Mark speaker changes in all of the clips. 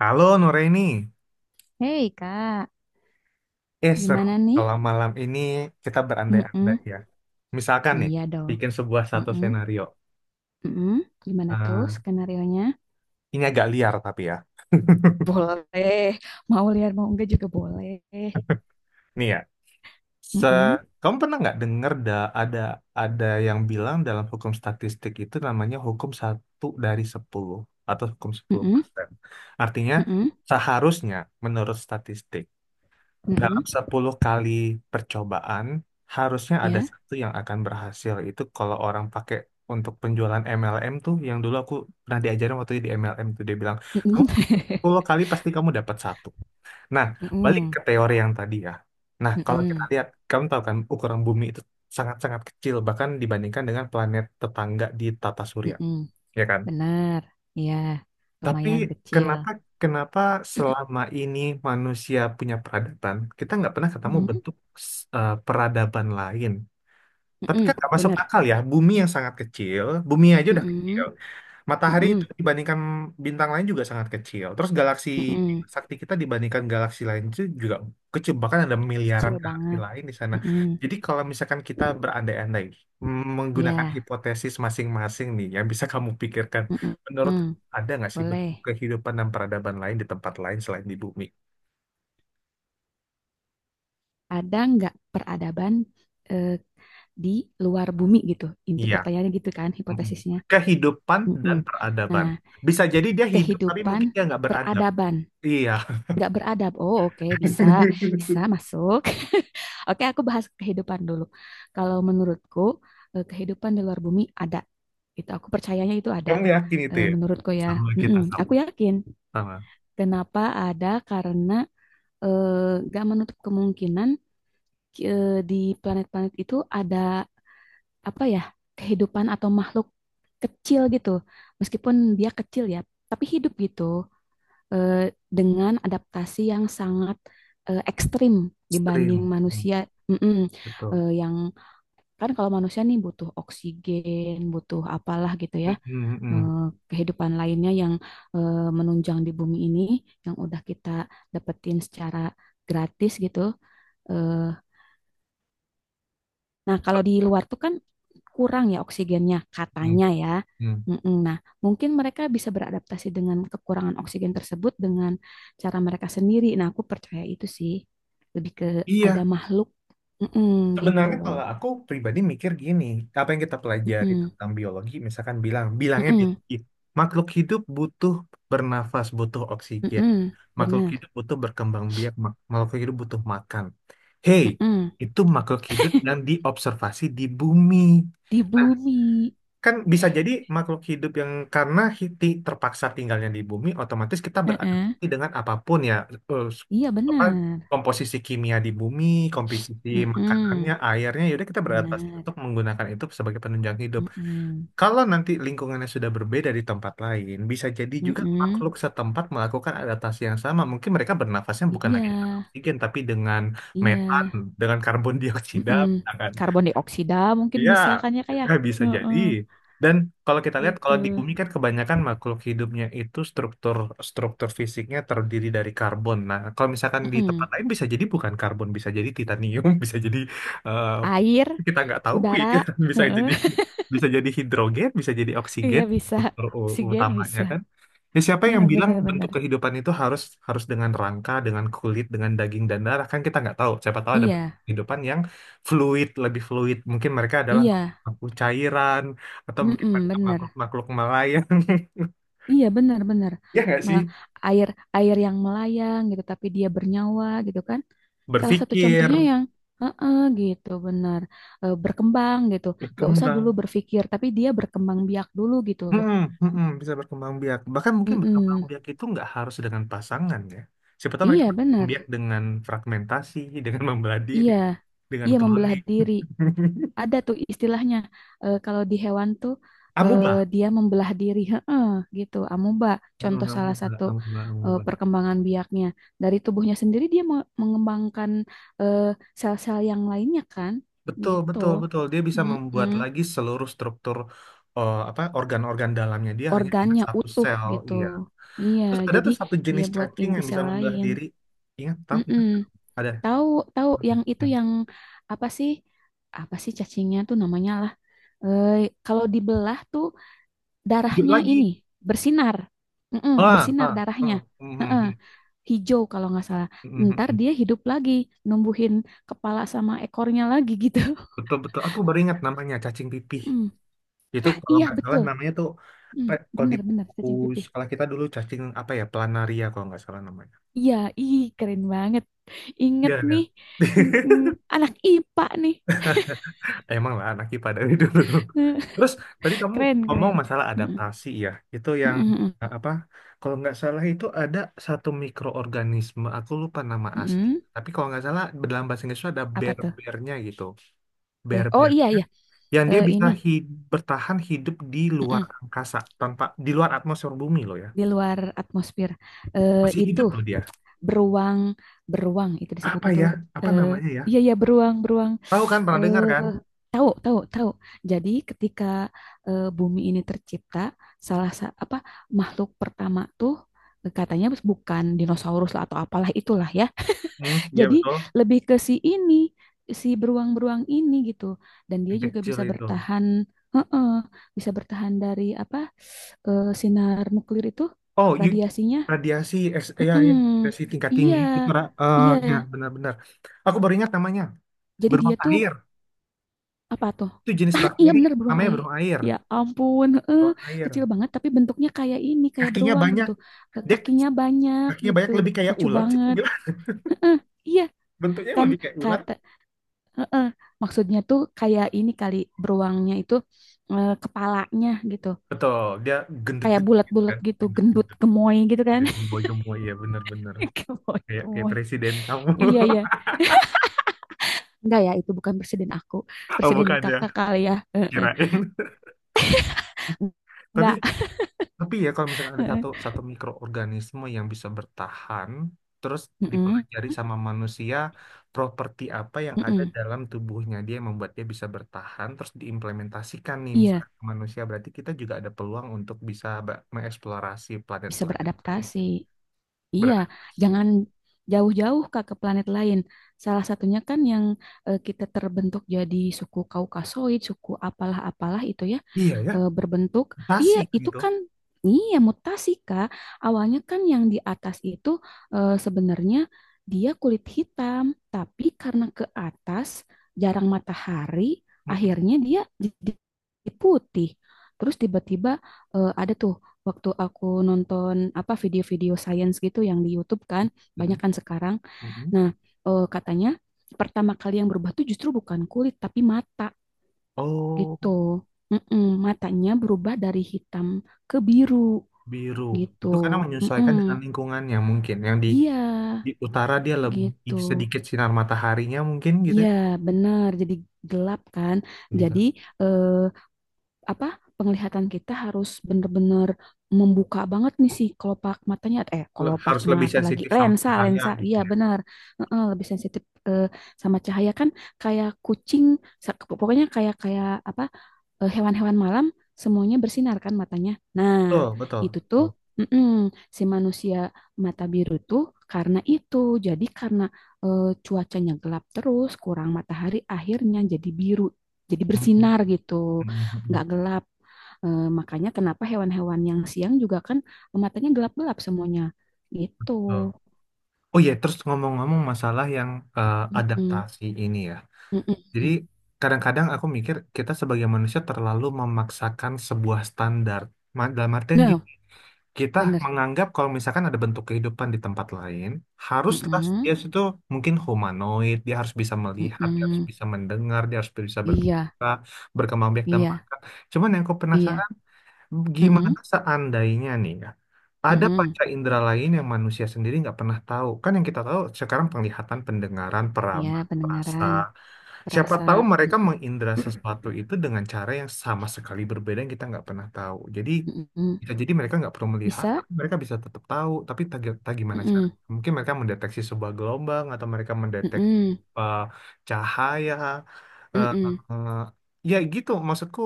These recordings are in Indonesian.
Speaker 1: Halo Nuraini,
Speaker 2: Hei kak,
Speaker 1: seru
Speaker 2: gimana
Speaker 1: nih
Speaker 2: nih?
Speaker 1: kalau malam ini kita berandai-andai
Speaker 2: Mm-mm.
Speaker 1: ya. Misalkan nih,
Speaker 2: Iya dong.
Speaker 1: bikin sebuah satu
Speaker 2: Mm-mm.
Speaker 1: skenario.
Speaker 2: Mm-mm. Gimana tuh
Speaker 1: Eh,
Speaker 2: skenarionya?
Speaker 1: ini agak liar tapi ya.
Speaker 2: Boleh. Mau lihat mau enggak juga boleh.
Speaker 1: Nih ya, se
Speaker 2: Mm-mm.
Speaker 1: kamu pernah nggak dengar da ada ada yang bilang dalam hukum statistik itu namanya hukum 1 dari 10 atau hukum sepuluh
Speaker 2: Mm-mm.
Speaker 1: persen. Artinya
Speaker 2: Mm-mm.
Speaker 1: seharusnya menurut statistik dalam
Speaker 2: Mm-mm.
Speaker 1: 10 kali percobaan, harusnya ada
Speaker 2: Ya.
Speaker 1: satu yang akan berhasil. Itu kalau orang pakai untuk penjualan MLM tuh, yang dulu aku pernah diajarin waktu itu di MLM tuh, dia bilang, kamu
Speaker 2: Mm-mm.
Speaker 1: 10 kali pasti kamu dapat satu. Nah, balik ke
Speaker 2: Mm-mm.
Speaker 1: teori yang tadi ya. Nah, kalau kita
Speaker 2: Mm-mm.
Speaker 1: lihat, kamu tahu kan ukuran bumi itu sangat-sangat kecil, bahkan dibandingkan dengan planet tetangga di tata surya,
Speaker 2: Mm-mm.
Speaker 1: ya kan?
Speaker 2: Benar. Iya.
Speaker 1: Tapi
Speaker 2: Lumayan kecil.
Speaker 1: kenapa kenapa selama ini manusia punya peradaban? Kita nggak pernah ketemu
Speaker 2: Mm-mm.
Speaker 1: bentuk peradaban lain. Tapi kan
Speaker 2: Mm-mm.
Speaker 1: nggak masuk
Speaker 2: Benar.
Speaker 1: akal ya, bumi yang sangat kecil, bumi aja udah kecil.
Speaker 2: Mm-mm.
Speaker 1: Matahari itu
Speaker 2: Mm-mm.
Speaker 1: dibandingkan bintang lain juga sangat kecil. Terus galaksi
Speaker 2: Mm-mm.
Speaker 1: sakti kita dibandingkan galaksi lain itu juga kecil. Bahkan ada miliaran
Speaker 2: Kecil
Speaker 1: galaksi
Speaker 2: banget.
Speaker 1: lain di sana.
Speaker 2: Mm-mm.
Speaker 1: Jadi kalau misalkan kita berandai-andai menggunakan
Speaker 2: Iya.
Speaker 1: hipotesis masing-masing nih yang bisa kamu pikirkan,
Speaker 2: Mm-mm.
Speaker 1: menurut kamu
Speaker 2: Mm-mm.
Speaker 1: ada nggak sih bentuk
Speaker 2: Boleh.
Speaker 1: kehidupan dan peradaban lain di tempat lain selain di bumi?
Speaker 2: Ada nggak peradaban, eh, di luar bumi gitu. Inti
Speaker 1: Iya.
Speaker 2: pertanyaannya gitu kan,
Speaker 1: Mm-mm.
Speaker 2: hipotesisnya.
Speaker 1: Kehidupan
Speaker 2: Mm-mm.
Speaker 1: dan
Speaker 2: Nah,
Speaker 1: peradaban. Bisa jadi dia hidup tapi
Speaker 2: kehidupan
Speaker 1: mungkin dia nggak beradab.
Speaker 2: peradaban,
Speaker 1: Iya.
Speaker 2: nggak beradab. Oh, oke, bisa, bisa masuk. Oke, aku bahas kehidupan dulu. Kalau menurutku, kehidupan di luar bumi ada. Itu aku percayanya itu ada.
Speaker 1: Kamu yakin itu ya?
Speaker 2: Menurutku ya,
Speaker 1: Sama kita
Speaker 2: Mm-mm.
Speaker 1: sama.
Speaker 2: Aku yakin.
Speaker 1: Sama.
Speaker 2: Kenapa ada? Karena nggak menutup kemungkinan, di planet-planet itu ada, apa ya, kehidupan atau makhluk kecil gitu, meskipun dia kecil ya tapi hidup gitu, eh, dengan adaptasi yang sangat ekstrim dibanding
Speaker 1: Stream. Hmm.
Speaker 2: manusia. Mm-mm.
Speaker 1: Betul.
Speaker 2: Yang kan kalau manusia nih butuh oksigen butuh apalah gitu
Speaker 1: Mm,
Speaker 2: ya,
Speaker 1: mm, mm,
Speaker 2: eh, kehidupan lainnya yang menunjang di bumi ini, yang udah kita dapetin secara gratis gitu eh, Nah, kalau di luar tuh kan kurang ya oksigennya,
Speaker 1: mm,
Speaker 2: katanya ya.
Speaker 1: mm.
Speaker 2: Mm-mm. Nah, mungkin mereka bisa beradaptasi dengan kekurangan oksigen tersebut dengan cara mereka sendiri. Nah, aku percaya itu sih. Lebih ke ada
Speaker 1: Iya.
Speaker 2: makhluk, mm-mm, gitu.
Speaker 1: Sebenarnya kalau aku pribadi mikir gini, apa yang kita pelajari
Speaker 2: Mm-mm.
Speaker 1: tentang biologi, misalkan bilangnya
Speaker 2: Mm-mm.
Speaker 1: biologi, makhluk hidup butuh bernafas, butuh oksigen,
Speaker 2: Mm-mm.
Speaker 1: makhluk
Speaker 2: Bener.
Speaker 1: hidup butuh berkembang biak, makhluk hidup butuh makan. Hey,
Speaker 2: Mm-mm.
Speaker 1: itu makhluk hidup yang diobservasi di bumi.
Speaker 2: Di
Speaker 1: Nah,
Speaker 2: bumi.
Speaker 1: kan bisa jadi makhluk hidup yang karena hiti terpaksa tinggalnya di bumi, otomatis kita
Speaker 2: Mm-mm.
Speaker 1: beradaptasi dengan apapun ya, eh,
Speaker 2: Iya,
Speaker 1: apa
Speaker 2: bener.
Speaker 1: komposisi kimia di bumi, komposisi makanannya,
Speaker 2: Mm-mm.
Speaker 1: airnya, yaudah kita beradaptasi
Speaker 2: Bener.
Speaker 1: untuk menggunakan itu sebagai penunjang hidup.
Speaker 2: Mm-mm.
Speaker 1: Kalau nanti lingkungannya sudah berbeda di tempat lain, bisa jadi juga
Speaker 2: Mm-mm.
Speaker 1: makhluk setempat melakukan adaptasi yang sama. Mungkin mereka bernafasnya bukan
Speaker 2: Iya,
Speaker 1: lagi dengan oksigen, tapi dengan
Speaker 2: iya.
Speaker 1: metan, dengan karbon dioksida,
Speaker 2: Mm-mm.
Speaker 1: misalkan.
Speaker 2: Karbon dioksida mungkin
Speaker 1: Iya,
Speaker 2: bisa kan ya kayak.
Speaker 1: bisa jadi.
Speaker 2: Heeh,
Speaker 1: Dan kalau kita lihat, kalau di
Speaker 2: gitu.
Speaker 1: bumi kan kebanyakan makhluk hidupnya itu struktur struktur fisiknya terdiri dari karbon. Nah, kalau misalkan di tempat lain bisa jadi bukan karbon, bisa jadi titanium, bisa jadi eh,
Speaker 2: Air,
Speaker 1: kita nggak tahu ya,
Speaker 2: udara,
Speaker 1: bisa
Speaker 2: heeh,
Speaker 1: jadi bisa jadi hidrogen, bisa jadi
Speaker 2: iya
Speaker 1: oksigen
Speaker 2: bisa.
Speaker 1: struktur
Speaker 2: Oksigen
Speaker 1: utamanya
Speaker 2: bisa.
Speaker 1: kan. Ya, siapa yang
Speaker 2: Heeh,
Speaker 1: bilang bentuk
Speaker 2: benar-benar.
Speaker 1: kehidupan itu harus harus dengan rangka, dengan kulit, dengan daging dan darah? Kan kita nggak tahu. Siapa tahu ada bentuk
Speaker 2: Iya,
Speaker 1: kehidupan yang fluid, lebih fluid. Mungkin mereka adalah
Speaker 2: iya.
Speaker 1: makhluk cairan atau mungkin
Speaker 2: Mm-mm,
Speaker 1: mereka
Speaker 2: bener.
Speaker 1: makhluk-makhluk melayang.
Speaker 2: Iya, benar-benar.
Speaker 1: Ya nggak sih?
Speaker 2: Ma- Air air yang melayang gitu, tapi dia bernyawa gitu kan. Salah satu
Speaker 1: Berpikir,
Speaker 2: contohnya yang heeh, gitu, benar. Berkembang gitu. Gak usah dulu
Speaker 1: berkembang.
Speaker 2: berpikir, tapi dia berkembang biak dulu gitu.
Speaker 1: Hmm, bisa berkembang biak. Bahkan mungkin berkembang
Speaker 2: Mm-mm.
Speaker 1: biak itu nggak harus dengan pasangan ya. Siapa tahu mereka
Speaker 2: Iya,
Speaker 1: berkembang
Speaker 2: benar.
Speaker 1: biak dengan fragmentasi, dengan membelah diri,
Speaker 2: Iya,
Speaker 1: dengan
Speaker 2: iya membelah
Speaker 1: cloning.
Speaker 2: diri. Ada tuh istilahnya, kalau di hewan tuh, eh,
Speaker 1: Amuba.
Speaker 2: dia membelah diri, heeh, gitu. Amuba
Speaker 1: Hmm,
Speaker 2: contoh
Speaker 1: nggak
Speaker 2: salah
Speaker 1: mengubah,
Speaker 2: satu
Speaker 1: nggak mengubah, nggak mengubah.
Speaker 2: perkembangan biaknya. Dari tubuhnya sendiri dia mengembangkan eh, sel-sel yang lainnya kan,
Speaker 1: Betul,
Speaker 2: gitu.
Speaker 1: betul, betul. Dia bisa membuat
Speaker 2: Mm-mm.
Speaker 1: lagi seluruh struktur apa organ-organ dalamnya dia hanya dengan
Speaker 2: Organnya
Speaker 1: satu
Speaker 2: utuh
Speaker 1: sel,
Speaker 2: gitu.
Speaker 1: iya.
Speaker 2: Iya,
Speaker 1: Terus ada
Speaker 2: jadi
Speaker 1: tuh satu
Speaker 2: dia
Speaker 1: jenis
Speaker 2: buat
Speaker 1: cacing
Speaker 2: inti
Speaker 1: yang bisa
Speaker 2: sel
Speaker 1: membelah
Speaker 2: lain.
Speaker 1: diri. Ingat, tahu?
Speaker 2: Mm-mm.
Speaker 1: Ingat? Ada.
Speaker 2: Tahu tahu
Speaker 1: Hmm.
Speaker 2: yang itu
Speaker 1: Hmm.
Speaker 2: yang apa sih? Apa sih cacingnya tuh namanya? Eh, kalau dibelah tuh
Speaker 1: Hidup
Speaker 2: darahnya ini
Speaker 1: lagi.
Speaker 2: bersinar, mm-mm,
Speaker 1: Ah,
Speaker 2: bersinar
Speaker 1: ah,
Speaker 2: darahnya.
Speaker 1: ah. Mhm,
Speaker 2: Heeh,
Speaker 1: mhm,
Speaker 2: hijau kalau nggak salah.
Speaker 1: mhm,
Speaker 2: Ntar
Speaker 1: mhm.
Speaker 2: dia hidup lagi, numbuhin kepala sama ekornya lagi gitu.
Speaker 1: Betul, betul. Aku baru ingat namanya cacing pipih.
Speaker 2: Mm.
Speaker 1: Itu
Speaker 2: Ah
Speaker 1: kalau
Speaker 2: iya
Speaker 1: nggak salah
Speaker 2: betul,
Speaker 1: namanya tuh
Speaker 2: mm,
Speaker 1: apa? Kalau di
Speaker 2: bener bener
Speaker 1: buku
Speaker 2: cacing pipih.
Speaker 1: sekolah kita dulu cacing apa ya? Planaria kalau nggak salah namanya.
Speaker 2: Iya, ih keren banget. Inget
Speaker 1: Iya, iya.
Speaker 2: nih, mm, mm, anak IPA nih,
Speaker 1: Emang lah anak IPA dari dulu. Terus tadi kamu
Speaker 2: keren
Speaker 1: ngomong
Speaker 2: keren.
Speaker 1: masalah
Speaker 2: Mm-mm,
Speaker 1: adaptasi ya. Itu yang
Speaker 2: mm-mm, mm
Speaker 1: apa? Kalau nggak salah itu ada satu mikroorganisme. Aku lupa nama
Speaker 2: mm,
Speaker 1: asli.
Speaker 2: mm.
Speaker 1: Tapi kalau nggak salah dalam bahasa Inggris itu ada
Speaker 2: Apa tuh?
Speaker 1: bear-bearnya gitu.
Speaker 2: Oh iya
Speaker 1: Bear-bearnya
Speaker 2: iya.
Speaker 1: yang dia
Speaker 2: Eh,
Speaker 1: bisa
Speaker 2: ini.
Speaker 1: bertahan hidup di luar angkasa tanpa di luar atmosfer bumi loh ya.
Speaker 2: Di luar atmosfer,
Speaker 1: Masih
Speaker 2: itu
Speaker 1: hidup loh dia.
Speaker 2: beruang beruang itu
Speaker 1: Apa
Speaker 2: disebutnya
Speaker 1: ya?
Speaker 2: tuh,
Speaker 1: Apa
Speaker 2: eh,
Speaker 1: namanya ya?
Speaker 2: iya iya beruang beruang,
Speaker 1: Tahu kan? Pernah dengar kan?
Speaker 2: eh tahu tahu tahu. Jadi ketika bumi ini tercipta, apa, makhluk pertama tuh, katanya bukan dinosaurus lah atau apalah itulah ya,
Speaker 1: Hmm, iya
Speaker 2: jadi
Speaker 1: betul.
Speaker 2: lebih ke si ini, si beruang-beruang ini gitu. Dan dia
Speaker 1: Yang
Speaker 2: juga
Speaker 1: kecil
Speaker 2: bisa
Speaker 1: itu.
Speaker 2: bertahan, heeh, bisa bertahan dari apa, sinar nuklir itu,
Speaker 1: Oh, you,
Speaker 2: radiasinya.
Speaker 1: radiasi S, ya, ya,
Speaker 2: Mm-mm.
Speaker 1: radiasi tingkat
Speaker 2: Iya,
Speaker 1: tinggi. Itu, Ra. Eh,
Speaker 2: iya.
Speaker 1: ya, benar-benar. Aku baru ingat namanya.
Speaker 2: Jadi
Speaker 1: Beruang
Speaker 2: dia tuh
Speaker 1: air.
Speaker 2: apa tuh?
Speaker 1: Itu jenis
Speaker 2: Ah, iya
Speaker 1: bakteri.
Speaker 2: bener beruang
Speaker 1: Namanya
Speaker 2: alien.
Speaker 1: beruang air.
Speaker 2: Ya ampun, heeh.
Speaker 1: Beruang
Speaker 2: Kecil
Speaker 1: air.
Speaker 2: banget tapi bentuknya kayak ini, kayak
Speaker 1: Kakinya
Speaker 2: beruang
Speaker 1: banyak.
Speaker 2: gitu. Eh,
Speaker 1: Dek,
Speaker 2: kakinya banyak
Speaker 1: kakinya
Speaker 2: gitu,
Speaker 1: banyak lebih kayak
Speaker 2: lucu
Speaker 1: ulat sih, aku
Speaker 2: banget.
Speaker 1: bilang.
Speaker 2: Heeh, iya
Speaker 1: Bentuknya
Speaker 2: kan
Speaker 1: lebih kayak ulat.
Speaker 2: kata, heeh, maksudnya tuh kayak ini kali, beruangnya itu, kepalanya gitu.
Speaker 1: Betul, dia
Speaker 2: Kayak
Speaker 1: gendut-gendut gitu
Speaker 2: bulat-bulat
Speaker 1: kan.
Speaker 2: gitu, gendut,
Speaker 1: Gendut-gendut.
Speaker 2: gemoy gitu kan.
Speaker 1: Dia gemboy-gemboy, ya benar-benar.
Speaker 2: Gemoy,
Speaker 1: Kayak
Speaker 2: gemoy.
Speaker 1: presiden kamu.
Speaker 2: Iya, iya. Enggak ya, itu bukan presiden aku.
Speaker 1: Oh,
Speaker 2: Presiden
Speaker 1: bukan ya,
Speaker 2: kakak kali ya. Heeh.
Speaker 1: kirain. Tapi
Speaker 2: Enggak.
Speaker 1: Tapi ya kalau misalkan ada
Speaker 2: Heeh.
Speaker 1: satu satu mikroorganisme yang bisa bertahan, terus
Speaker 2: Mm-mm,
Speaker 1: dipelajari sama manusia, properti apa yang ada
Speaker 2: mm-mm.
Speaker 1: dalam tubuhnya dia yang membuat dia bisa bertahan, terus diimplementasikan nih
Speaker 2: Iya,
Speaker 1: misalkan ke manusia, berarti kita juga ada peluang untuk bisa mengeksplorasi
Speaker 2: bisa
Speaker 1: planet-planet lain,
Speaker 2: beradaptasi.
Speaker 1: jadi
Speaker 2: Iya,
Speaker 1: beradaptasi.
Speaker 2: jangan jauh-jauh Kak ke planet lain. Salah satunya kan yang kita terbentuk jadi suku Kaukasoid, suku apalah-apalah itu ya.
Speaker 1: Iya ya,
Speaker 2: Berbentuk, iya
Speaker 1: mutasi
Speaker 2: itu
Speaker 1: gitu.
Speaker 2: kan, iya mutasi Kak. Awalnya kan yang di atas itu, sebenarnya dia kulit hitam, tapi karena ke atas jarang matahari,
Speaker 1: Mm-mm.
Speaker 2: akhirnya dia jadi putih. Terus tiba-tiba, ada tuh waktu aku nonton apa video-video science gitu yang di YouTube kan, banyak
Speaker 1: Mm-mm.
Speaker 2: kan sekarang.
Speaker 1: Mm-mm.
Speaker 2: Nah, katanya pertama kali yang berubah tuh justru bukan kulit tapi mata gitu.
Speaker 1: Oh,
Speaker 2: Mm-mm, matanya berubah dari hitam ke biru
Speaker 1: biru.
Speaker 2: gitu.
Speaker 1: Itu karena menyesuaikan
Speaker 2: Mm-mm.
Speaker 1: dengan lingkungannya mungkin yang di
Speaker 2: Iya,
Speaker 1: di utara dia lebih
Speaker 2: gitu.
Speaker 1: sedikit sinar mataharinya mungkin gitu.
Speaker 2: Iya,
Speaker 1: Ya,
Speaker 2: benar. Jadi gelap kan.
Speaker 1: jadi
Speaker 2: Jadi
Speaker 1: kan
Speaker 2: eh, apa, penglihatan kita harus bener-bener membuka banget nih si kelopak matanya, eh, kelopak
Speaker 1: harus lebih
Speaker 2: mata lagi,
Speaker 1: sensitif sama
Speaker 2: lensa
Speaker 1: cahaya
Speaker 2: lensa,
Speaker 1: gitu
Speaker 2: iya
Speaker 1: ya.
Speaker 2: benar. Heeh, lebih sensitif eh, sama cahaya kan, kayak kucing, sa- pokoknya kayak kayak apa, hewan-hewan malam semuanya bersinar kan matanya. Nah
Speaker 1: Oh, betul.
Speaker 2: itu tuh,
Speaker 1: Betul.
Speaker 2: mm-mm, si manusia mata biru tuh karena itu, jadi karena cuacanya gelap terus kurang matahari akhirnya jadi biru, jadi
Speaker 1: Mm, mm,
Speaker 2: bersinar gitu,
Speaker 1: mm, mm, mm.
Speaker 2: nggak gelap. Eh, makanya kenapa hewan-hewan yang siang juga kan matanya gelap-gelap semuanya. Gitu.
Speaker 1: Betul. Oh iya, terus ngomong-ngomong masalah yang
Speaker 2: Mm-mm.
Speaker 1: adaptasi ini ya.
Speaker 2: Mm-mm.
Speaker 1: Jadi
Speaker 2: Mm.
Speaker 1: kadang-kadang aku mikir kita sebagai manusia terlalu memaksakan sebuah standar. Dalam artian
Speaker 2: Nah,
Speaker 1: gini, kita
Speaker 2: bener.
Speaker 1: menganggap kalau misalkan ada bentuk kehidupan di tempat lain, haruslah
Speaker 2: Mm-mm.
Speaker 1: dia itu mungkin humanoid, dia harus bisa melihat, dia harus
Speaker 2: Mm-mm.
Speaker 1: bisa mendengar, dia harus bisa
Speaker 2: Iya,
Speaker 1: berbicara, berkembang biak dan
Speaker 2: iya,
Speaker 1: makan. Cuman yang aku
Speaker 2: iya.
Speaker 1: penasaran, gimana
Speaker 2: Mm-mm.
Speaker 1: seandainya nih ya, ada
Speaker 2: Mm-mm.
Speaker 1: panca indera lain yang manusia sendiri nggak pernah tahu. Kan yang kita tahu sekarang penglihatan, pendengaran,
Speaker 2: Iya,
Speaker 1: peraba, rasa.
Speaker 2: pendengaran,
Speaker 1: Siapa
Speaker 2: perasa.
Speaker 1: tahu mereka
Speaker 2: Mm-mm.
Speaker 1: mengindra sesuatu itu dengan cara yang sama sekali berbeda yang kita nggak pernah tahu. Jadi
Speaker 2: Mm-mm.
Speaker 1: bisa jadi mereka nggak perlu melihat,
Speaker 2: Bisa?
Speaker 1: tapi mereka bisa tetap tahu. Tapi tak gimana cara?
Speaker 2: Mm-mm.
Speaker 1: Mungkin mereka mendeteksi sebuah gelombang atau mereka mendeteksi
Speaker 2: Mm-mm.
Speaker 1: uh, cahaya. Uh,
Speaker 2: Mm-mm.
Speaker 1: uh, ya gitu, maksudku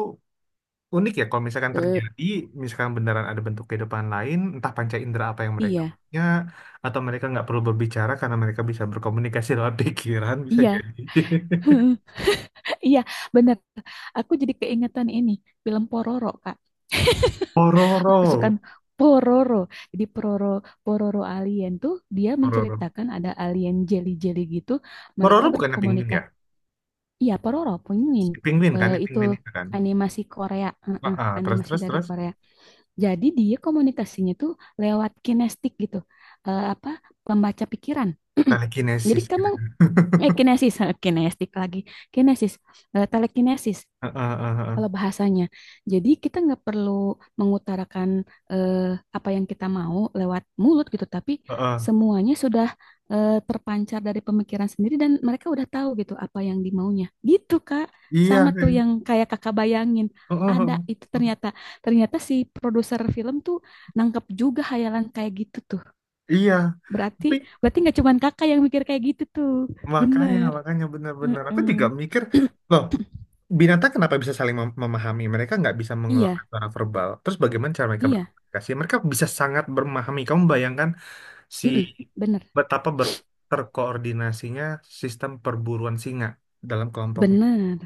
Speaker 1: unik ya kalau misalkan
Speaker 2: Eh,
Speaker 1: terjadi, misalkan beneran ada bentuk kehidupan lain, entah panca indera apa yang mereka
Speaker 2: iya,
Speaker 1: punya, atau mereka nggak perlu berbicara karena mereka bisa berkomunikasi lewat pikiran, bisa
Speaker 2: iya.
Speaker 1: jadi.
Speaker 2: Iya, bener. Aku jadi keingetan ini, film Pororo, Kak.
Speaker 1: Pororo,
Speaker 2: Aku suka Pororo. Jadi Pororo Pororo alien tuh dia
Speaker 1: Pororo.
Speaker 2: menceritakan ada alien jelly-jelly gitu.
Speaker 1: Pororo
Speaker 2: Mereka
Speaker 1: bukannya penguin ya?
Speaker 2: berkomunikasi. Iya, Pororo Pinguin.
Speaker 1: Penguin kan,
Speaker 2: Eh,
Speaker 1: ya,
Speaker 2: itu
Speaker 1: penguin itu kan.
Speaker 2: animasi Korea.
Speaker 1: Ah,
Speaker 2: Heeh,
Speaker 1: ah, terus
Speaker 2: animasi
Speaker 1: terus
Speaker 2: dari
Speaker 1: terus.
Speaker 2: Korea. Jadi dia komunikasinya tuh lewat kinestik gitu. Eh, apa, pembaca pikiran.
Speaker 1: Telekinesis
Speaker 2: Jadi
Speaker 1: gitu
Speaker 2: kamu,
Speaker 1: kan.
Speaker 2: eh, kinesis, kinestik lagi. Kinesis, eh, telekinesis
Speaker 1: Heeh, heeh, heeh,
Speaker 2: kalau bahasanya. Jadi kita nggak perlu mengutarakan eh, apa yang kita mau lewat mulut gitu, tapi
Speaker 1: heeh.
Speaker 2: semuanya sudah terpancar dari pemikiran sendiri dan mereka udah tahu gitu apa yang dimaunya. Gitu Kak,
Speaker 1: Iya,
Speaker 2: sama tuh
Speaker 1: heeh,
Speaker 2: yang kayak Kakak bayangin.
Speaker 1: heeh,
Speaker 2: Ada
Speaker 1: heeh.
Speaker 2: itu ternyata, ternyata si produser film tuh nangkep juga hayalan kayak gitu tuh.
Speaker 1: Iya.
Speaker 2: Berarti,
Speaker 1: Tapi
Speaker 2: berarti nggak cuman Kakak yang mikir kayak gitu tuh.
Speaker 1: makanya,
Speaker 2: Bener.
Speaker 1: makanya benar-benar. Aku
Speaker 2: Heeh.
Speaker 1: juga mikir, loh, binatang kenapa bisa saling memahami? Mereka nggak bisa mengeluarkan
Speaker 2: Iya,
Speaker 1: suara verbal. Terus bagaimana cara mereka
Speaker 2: iya.
Speaker 1: berkomunikasi? Mereka bisa sangat memahami. Kamu bayangkan si
Speaker 2: Mm-mm, bener.
Speaker 1: betapa terkoordinasinya sistem perburuan singa dalam kelompoknya.
Speaker 2: Bener,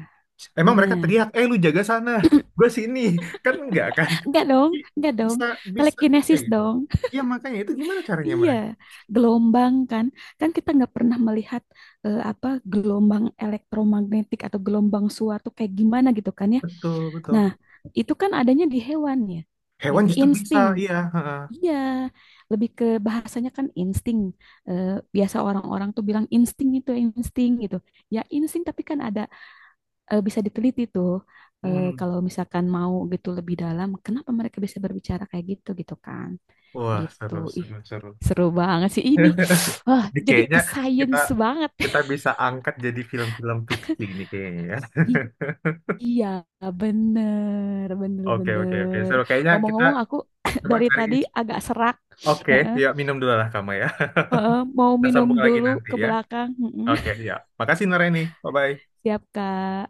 Speaker 1: Emang mereka
Speaker 2: bener.
Speaker 1: teriak, eh lu jaga sana, gue sini. Kan enggak kan?
Speaker 2: Enggak dong,
Speaker 1: I-
Speaker 2: enggak dong.
Speaker 1: bisa bisa aja
Speaker 2: Telekinesis
Speaker 1: gitu.
Speaker 2: dong.
Speaker 1: Iya, makanya itu gimana caranya
Speaker 2: Iya,
Speaker 1: mereka.
Speaker 2: gelombang kan. Kan kita nggak pernah melihat apa gelombang elektromagnetik atau gelombang suatu kayak gimana gitu kan ya.
Speaker 1: Betul, betul,
Speaker 2: Nah, itu kan adanya di hewan ya.
Speaker 1: hewan
Speaker 2: Gitu,
Speaker 1: justru bisa,
Speaker 2: insting.
Speaker 1: iya, heeh.
Speaker 2: Iya, lebih ke bahasanya kan insting. Eh, biasa orang-orang tuh bilang insting itu insting gitu. Ya insting tapi kan ada, bisa diteliti tuh,
Speaker 1: Mm.
Speaker 2: kalau misalkan mau gitu lebih dalam kenapa mereka bisa berbicara kayak gitu gitu kan
Speaker 1: Wah,
Speaker 2: gitu,
Speaker 1: seru
Speaker 2: ih
Speaker 1: seru seru.
Speaker 2: seru banget sih ini. Wah
Speaker 1: Ini
Speaker 2: jadi
Speaker 1: kayaknya
Speaker 2: ke
Speaker 1: kita
Speaker 2: science banget.
Speaker 1: kita bisa angkat jadi film-film fiksi ini kayaknya ya.
Speaker 2: I- iya bener bener
Speaker 1: Oke, oke, oke,
Speaker 2: bener,
Speaker 1: seru kayaknya kita
Speaker 2: ngomong-ngomong aku
Speaker 1: coba
Speaker 2: dari
Speaker 1: cari
Speaker 2: tadi agak serak.
Speaker 1: oke.
Speaker 2: Heeh.
Speaker 1: Ya, minum dulu lah kamu ya.
Speaker 2: Eh, mau
Speaker 1: Kita
Speaker 2: minum
Speaker 1: sambung lagi
Speaker 2: dulu
Speaker 1: nanti
Speaker 2: ke
Speaker 1: ya.
Speaker 2: belakang.
Speaker 1: Oke ya. Makasih Nareni. Bye bye.
Speaker 2: Siap kak.